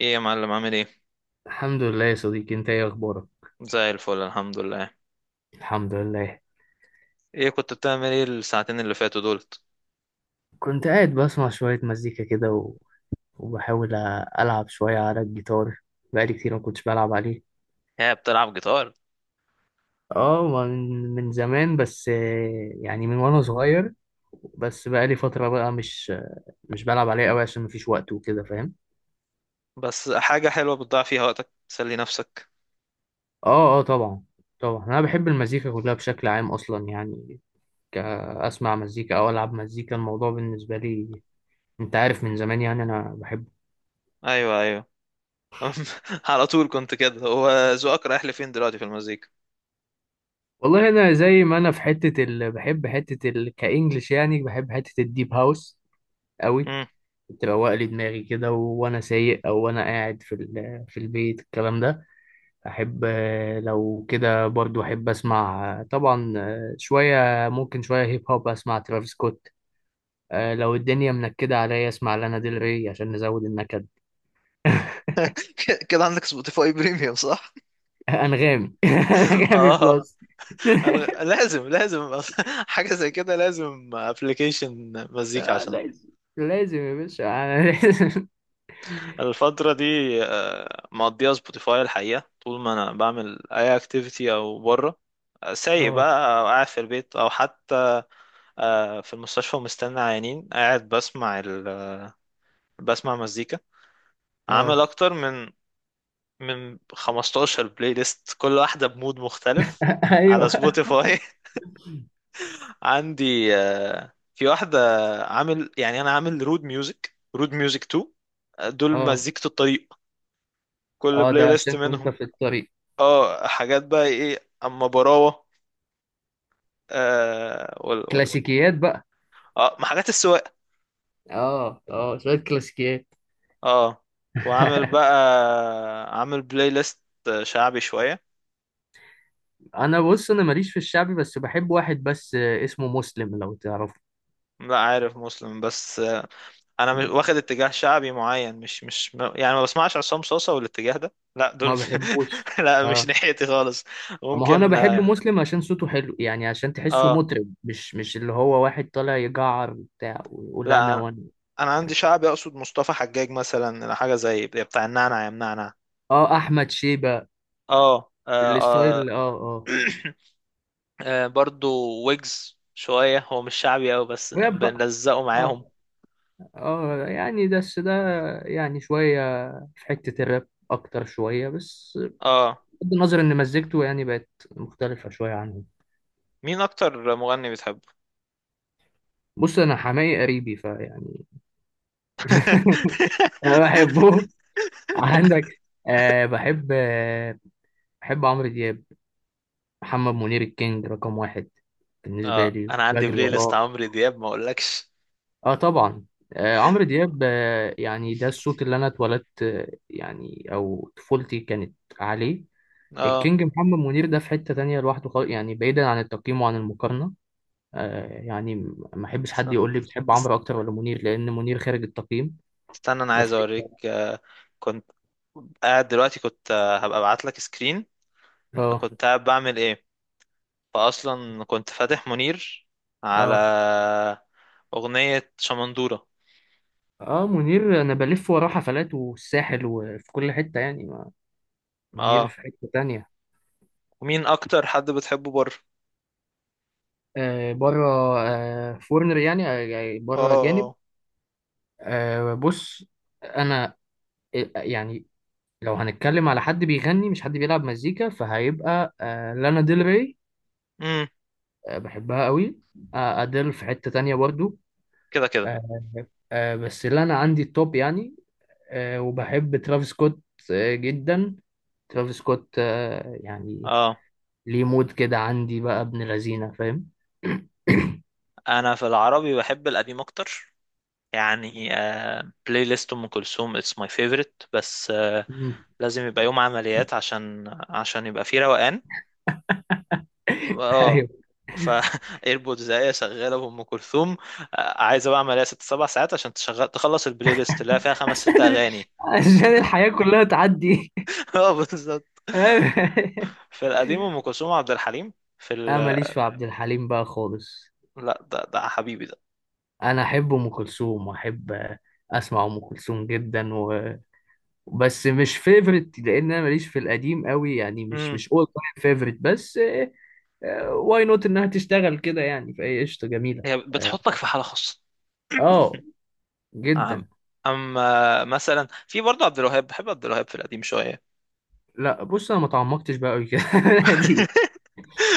ايه يا معلم عامل ايه؟ الحمد لله يا صديقي، انت ايه اخبارك؟ زي الفل الحمد لله. الحمد لله. ايه كنت بتعمل ايه الساعتين اللي فاتوا دولت؟ كنت قاعد بسمع شوية مزيكا كده وبحاول ألعب شوية على الجيتار. بقالي كتير ما كنتش بلعب عليه. هي بتلعب جيتار؟ اه من من زمان، بس يعني من وانا صغير. بس بقالي فترة بقى مش بلعب عليه قوي عشان مفيش وقت وكده، فاهم؟ بس حاجة حلوة بتضيع فيها وقتك تسلي نفسك. اه، طبعا. طبعا انا بحب المزيكا كلها بشكل عام اصلا يعني، كأسمع مزيكا او العب مزيكا الموضوع بالنسبة لي، انت عارف من زمان يعني انا بحب. ايوه، ايوه. على طول كنت كده، هو ذوقك رايح لفين دلوقتي في المزيكا؟ والله انا زي ما انا في بحب كانجلش يعني، بحب حته الديب هاوس قوي. امم. بتبقى لي دماغي كده، وانا سايق او وانا قاعد في البيت الكلام ده احب. لو كده برضو احب اسمع، طبعا، شويه. ممكن شويه هيب هوب اسمع ترافيس سكوت. لو الدنيا منكده عليا اسمع لانا ديل ري عشان نزود النكد. كده عندك سبوتيفاي بريميوم صح؟ انغامي. انغامي اه. بلس. انا لازم. حاجة زي كده لازم ابلكيشن مزيكا عشان لازم. لازم يا باشا، أنا لازم. الفترة دي، مقضيها سبوتيفاي الحقيقة، طول ما انا بعمل اي اكتيفيتي او بره سايق اه. بقى او قاعد في البيت او حتى في المستشفى ومستني عيانين قاعد بسمع بسمع مزيكا. عامل اه اكتر من 15 بلاي ليست، كل واحده بمود مختلف على ايوه. سبوتيفاي. عندي في واحده، عامل يعني انا عامل رود ميوزك رود ميوزك 2، دول اه مزيكة الطريق. كل اه ده بلاي ليست عشان كنت منهم في الطريق. اه، حاجات بقى ايه اما براوه. آه، وال. كلاسيكيات بقى. اه ما حاجات السواقه. اه شوية كلاسيكيات. اه، وعامل بقى عامل بلاي ليست شعبي شوية. انا بص، انا ماليش في الشعبي بس بحب واحد بس، اسمه مسلم لو تعرفه. لا، عارف مسلم بس. انا مش واخد اتجاه شعبي معين، مش مش م- يعني ما بسمعش عصام صوصة والاتجاه ده، لا ما دول. بحبوش. لا، مش اه، ناحيتي خالص. ما هو انا ممكن بحب اه، مسلم عشان صوته حلو يعني، عشان تحسه آه، مطرب، مش اللي هو واحد طالع يجعر بتاع ويقول لا، انا انا، وانا. أنا عندي شعبي اقصد مصطفى حجاج مثلا، حاجة زي بتاع النعنع يا منعنع. اه، احمد شيبة اه، اه، آه. الستايل. اه. اه برضو ويجز شوية، هو مش شعبي أوي بس راب بقى. بنلزقه معاهم اه اه يعني، بس ده يعني شوية، في حتة الراب أكتر شوية بس. اه. بغض النظر إن مزجته يعني بقت مختلفة شوية عنه. مين أكتر مغني بتحبه؟ بص، أنا حماقي قريبي فيعني. أنا بحبه. عندك. أه بحب عمرو دياب. محمد منير الكينج رقم 1 بالنسبة اه، لي، انا عندي بجري بلاي ليست وراه. عمرو دياب ما اقولكش اه طبعا. آه عمرو دياب، آه يعني ده الصوت اللي أنا اتولدت يعني، أو طفولتي كانت عليه. اه. الكينج محمد منير ده في حتة تانية لوحده خالص يعني، بعيدا عن التقييم وعن المقارنة. آه يعني، ما احبش حد يقول لي بتحب است- عمرو اكتر ولا منير، لان منير خارج التقييم. استنى، انا ده في عايز حتة. اوريك، كنت قاعد دلوقتي، كنت هبقى ابعت لك سكرين. اه كنت قاعد بعمل ايه، فاصلا كنت فاتح منير على اه اغنية شمندورة اه منير، انا بلف وراه حفلات والساحل وفي كل حتة يعني، ما منير اه. في حتة تانية. ومين اكتر حد بتحبه بره؟ آه بره، آه فورنر يعني، آه يعني اه، بره جانب. اه، آه بص، انا، يعني لو هنتكلم على حد بيغني مش حد بيلعب مزيكا فهيبقى آه لانا ديل ري، امم، بحبها قوي. أديل في حتة تانية برضو. كده كده آه، بس اللي أنا عندي التوب يعني. وبحب ترافيس سكوت، جدا. ترافيس سكوت يعني اه. ليه مود كده عندي بقى، ابن لذينة فاهم. انا في العربي بحب القديم اكتر، يعني بلاي ليست ام كلثوم اتس ماي فيفورت، بس لازم يبقى يوم عمليات عشان عشان يبقى فيه روقان اه. ايوه. ف ايربودز ايه شغاله بام كلثوم. عايزه بقى عمليه ست سبع ساعات عشان تشغل تخلص البلاي ليست اللي هي فيها خمس ست عشان، اغاني. عشان الحياة كلها تعدي. اه بالظبط. في القديم ام كلثوم وعبد الحليم في انا ماليش في عبد الحليم بقى خالص. لا، ده حبيبي ده. انا احب ام كلثوم، واحب اسمع ام كلثوم جدا، بس مش فيفرت لان انا ماليش في القديم قوي يعني، مش امم. مش اول تايم فيفرت. بس واي نوت انها تشتغل كده يعني، فهي قشطه جميله. هي اه، بتحطك في حاله خاصه. آه، أم... جدا. اما مثلا في برضه عبد الوهاب، بحب عبد الوهاب في القديم شويه. لا بص، انا ما تعمقتش بقى قوي كده. دي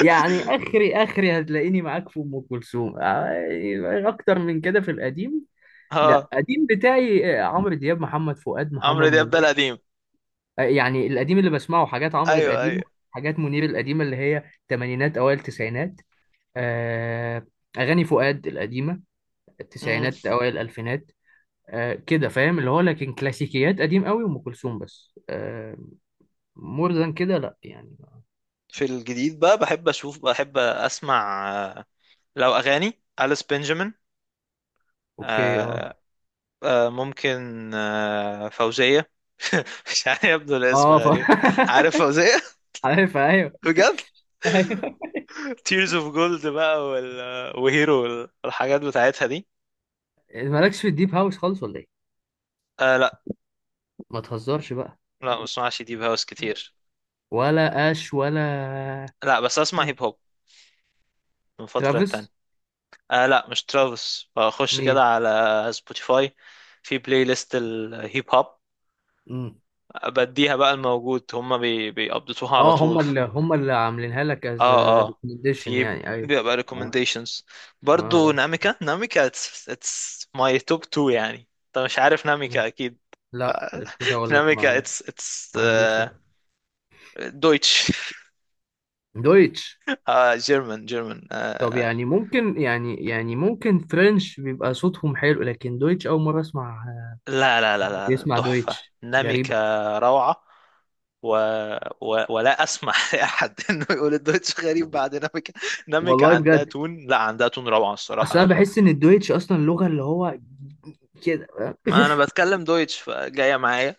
يعني، اخري اخري هتلاقيني معاك في ام كلثوم يعني اكتر من كده في القديم. لا اه، قديم بتاعي عمرو دياب، محمد فؤاد، عمرو محمد دياب ده منير. القديم. يعني القديم اللي بسمعه حاجات عمرو ايوه، القديم، حاجات منير القديمه اللي هي تمانينات اوائل تسعينات، آه، اغاني فؤاد القديمه ايوه. التسعينات اوائل الالفينات. كده فاهم، اللي هو لكن كلاسيكيات قديم قوي وام كلثوم بس. مور ذان كده لا يعني. في الجديد بقى، بحب اشوف بحب اسمع آه، لو اغاني أليس بنجامين. اوكي اه. آه، ممكن فوزية. مش عارف، يبدو الاسم اه ف... غريب. عارف فوزية. عارف، ايوه بجد، ايوه. تيرز اوف جولد بقى وهيرو والحاجات بتاعتها دي. مالكش في الديب هاوس خالص ولا ايه؟ آه لا، ما تهزرش بقى. لا ما بسمعش ديب هاوس كتير. ولا اش ولا لا، بس اسمع هيب هوب من فترة تانية. ترافيس. آه لا مش ترافيس، بخش كده مين؟ على سبوتيفاي في بلاي ليست الهيب هوب، مم. بديها بقى الموجود هما بي بيقبضتوها على اه، هم طول ف... اللي هم اللي عاملينها لك از اه، اه، ريكومنديشن في يعني. ايوه. بيبقى اه recommendations. برضو اه. ناميكا، ناميكا it's my top two، يعني انت مش عارف آه. ناميكا اكيد. لا كنت اقول لك ناميكا ما it's it's عنديش. uh, Deutsch. دويتش. آه، German German طب يعني ممكن، يعني ممكن فرنش بيبقى صوتهم حلو، لكن دويتش أول مرة أسمع. لا لا لا لا لا، بيسمع تحفة دويتش، ناميكا غريبة. روعة. و... ولا اسمح لاحد انه يقول الدويتش غريب بعد ناميكا. ناميكا والله عندها بجد، تون، لا عندها تون روعة الصراحة، أصل لو أنا بحس إن الدويتش أصلا لغة اللي هو كده. ما انا بتكلم دويتش فجايه معايا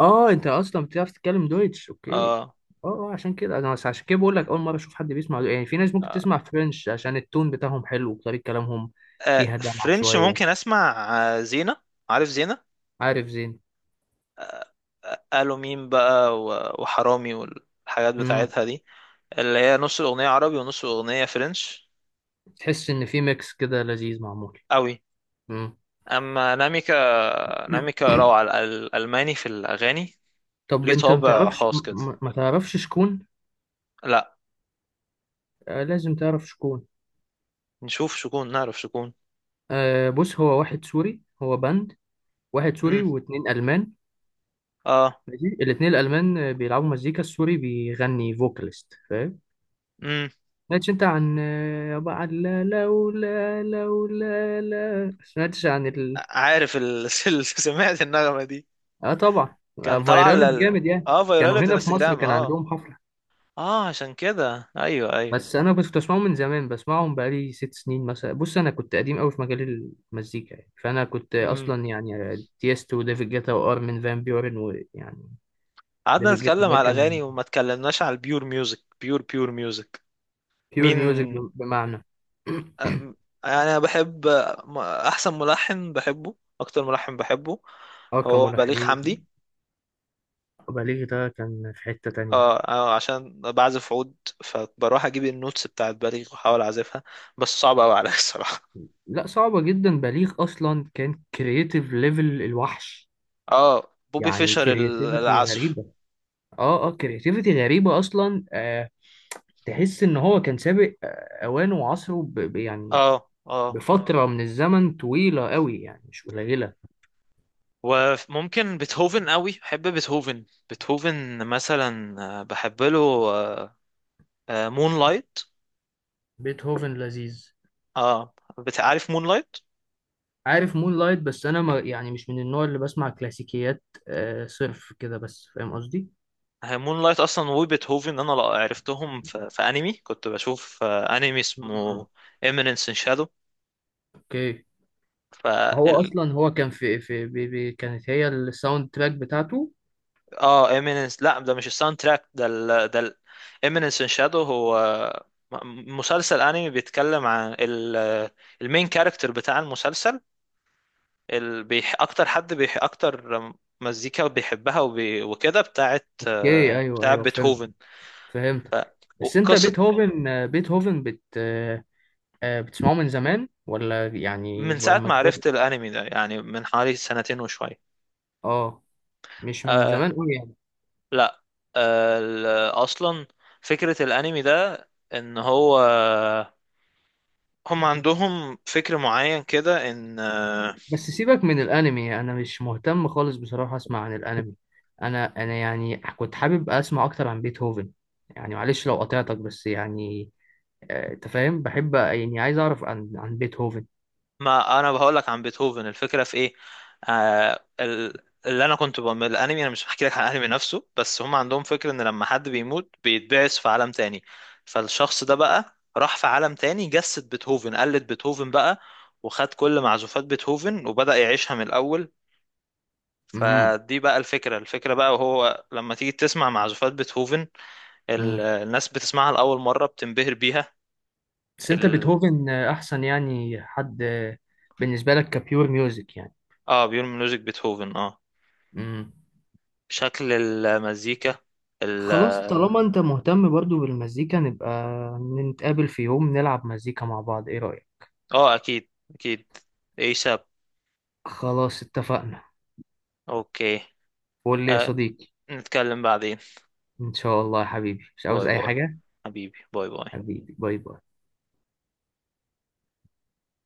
اه، انت اصلا بتعرف تتكلم دويتش، اوكي. اه. اه، عشان كده انا بس عشان كده بقول لك اول مره اشوف حد بيسمع يعني، في ناس ممكن آه، تسمع فرنش عشان التون بتاعهم حلو وطريقه كلامهم فيها دلع فرنش ممكن شويه. اسمع، زينة، عارف زينة؟ عارف زين. قالوا مين بقى وحرامي والحاجات امم. بتاعتها دي، اللي هي نص الاغنيه عربي ونص الاغنيه فرنش تحس ان في ميكس كده لذيذ معمول. قوي. مم. اما ناميكا، ناميكا روعه، الالماني في الاغاني طب ليه انت ما طابع تعرفش، خاص كده. ما تعرفش شكون. لا، آه لازم تعرف شكون. نشوف شكون نعرف شكون. آه بص، هو واحد سوري، هو باند، واحد سوري امم، واتنين ألمان. اه، ماشي، الاتنين الألمان بيلعبوا مزيكا، السوري بيغني فوكاليست فاهم. امم، سمعتش انت عن عن لا لولا لولا لا سمعتش عن عارف سمعت النغمه دي، اه طبعا. آه كان طالعه فايرالت جامد يعني. اه كانوا فيرالة هنا في مصر انستجرام كان اه. عندهم حفلة. اه عشان كده ايوه، ايوه. بس انا كنت بسمعهم من زمان، بسمعهم بقالي 6 سنين مثلا. بص انا كنت قديم قوي في مجال المزيكا يعني. فانا كنت امم. اصلا يعني تieستو وديفيد جيتا وارمين فان بيورن ويعني. قعدنا ديفيد جيتا نتكلم ده على كان الاغاني وما اتكلمناش على البيور ميوزك، بيور ميوزك. بيور مين؟ ميوزك بمعنى. أم- انا بحب، احسن ملحن بحبه، اكتر ملحن بحبه اه هو بليغ كملحنين وكده. حمدي. بليغ ده كان في حتة تانية. اه، عشان بعزف عود فبروح اجيب النوتس بتاعت بليغ واحاول اعزفها، بس صعب قوي عليا. الصراحه لا صعبة جدا، بليغ اصلا كان كرييتيف ليفل الوحش، اه بوبي يعني فيشر كرياتيفيتي العزف غريبة. اه كرياتيفيتي غريبة اصلا، آه. تحس ان هو كان سابق اوانه وعصره، يعني اه اه. بفترة من الزمن طويلة قوي يعني، مش قليلة. وممكن بيتهوفن قوي، بحب بيتهوفن، بيتهوفن مثلا بحب له مون لايت بيتهوفن لذيذ. اه. بتعرف مون لايت؟ عارف مون لايت، بس أنا ما يعني مش من النوع اللي بسمع كلاسيكيات آه صرف كده، بس فاهم قصدي؟ مون لايت اصلا وبيتهوفن انا عرفتهم في انمي كنت بشوف، انمي اسمه مم. ايمينينس ان شادو أوكي. ف هو ال... أصلا هو كان في بي بي كانت هي الساوند تراك بتاعته. اه ايمينينس، لا ده مش الساوند تراك، ايمينينس ان شادو هو مسلسل انمي بيتكلم عن المين كاركتر بتاع المسلسل، ال... بيح... اكتر حد بيح... اكتر مزيكا بيحبها وكده بتاعت أوكي، أيوه بتاعت أيوه، فهمت. بيتهوفن فهمت. بس أنت وقصة. بيتهوفن آه، بيتهوفن بت آه، بتسمعه من زمان ولا يعني من ساعة لما ما كبرت؟ عرفت الانمي ده يعني، من حوالي سنتين وشوية. أه، مش من أه، زمان أوي يعني. لا. أه اصلا فكرة الانمي ده، ان هو هم عندهم فكر معين كده ان بس سيبك من الانمي، انا مش مهتم خالص بصراحة اسمع عن الانمي. انا يعني كنت حابب اسمع اكتر عن بيتهوفن يعني، معلش لو قطعتك بس يعني. انت فاهم بحب، يعني عايز اعرف عن بيتهوفن. ما انا بقول لك عن بيتهوفن الفكره في ايه؟ اللي انا كنت بعمل الانمي، انا مش بحكي لك عن الانمي نفسه، بس هم عندهم فكره ان لما حد بيموت بيتبعث في عالم تاني، فالشخص ده بقى راح في عالم تاني جسد بيتهوفن، قلد بيتهوفن بقى وخد كل معزوفات بيتهوفن وبدأ يعيشها من الاول. امم. فدي بقى الفكره، الفكره بقى، وهو لما تيجي تسمع معزوفات بيتهوفن امم. الناس بتسمعها لاول مره بتنبهر بيها. بس انت ال... بيتهوفن احسن يعني حد بالنسبة لك كبيور ميوزك يعني. اه، بيقول ميوزك بيتهوفن اه، امم. شكل المزيكا ال خلاص طالما انت مهتم برضو بالمزيكا، نبقى نتقابل في يوم نلعب مزيكا مع بعض، ايه رأيك؟ اه. اكيد اكيد. ايساب. خلاص اتفقنا. اوكي. قول لي يا أه، صديقي. نتكلم بعدين. ان شاء الله يا حبيبي، مش باي عاوز اي باي، حاجة. حبيبي باي باي. حبيبي باي باي.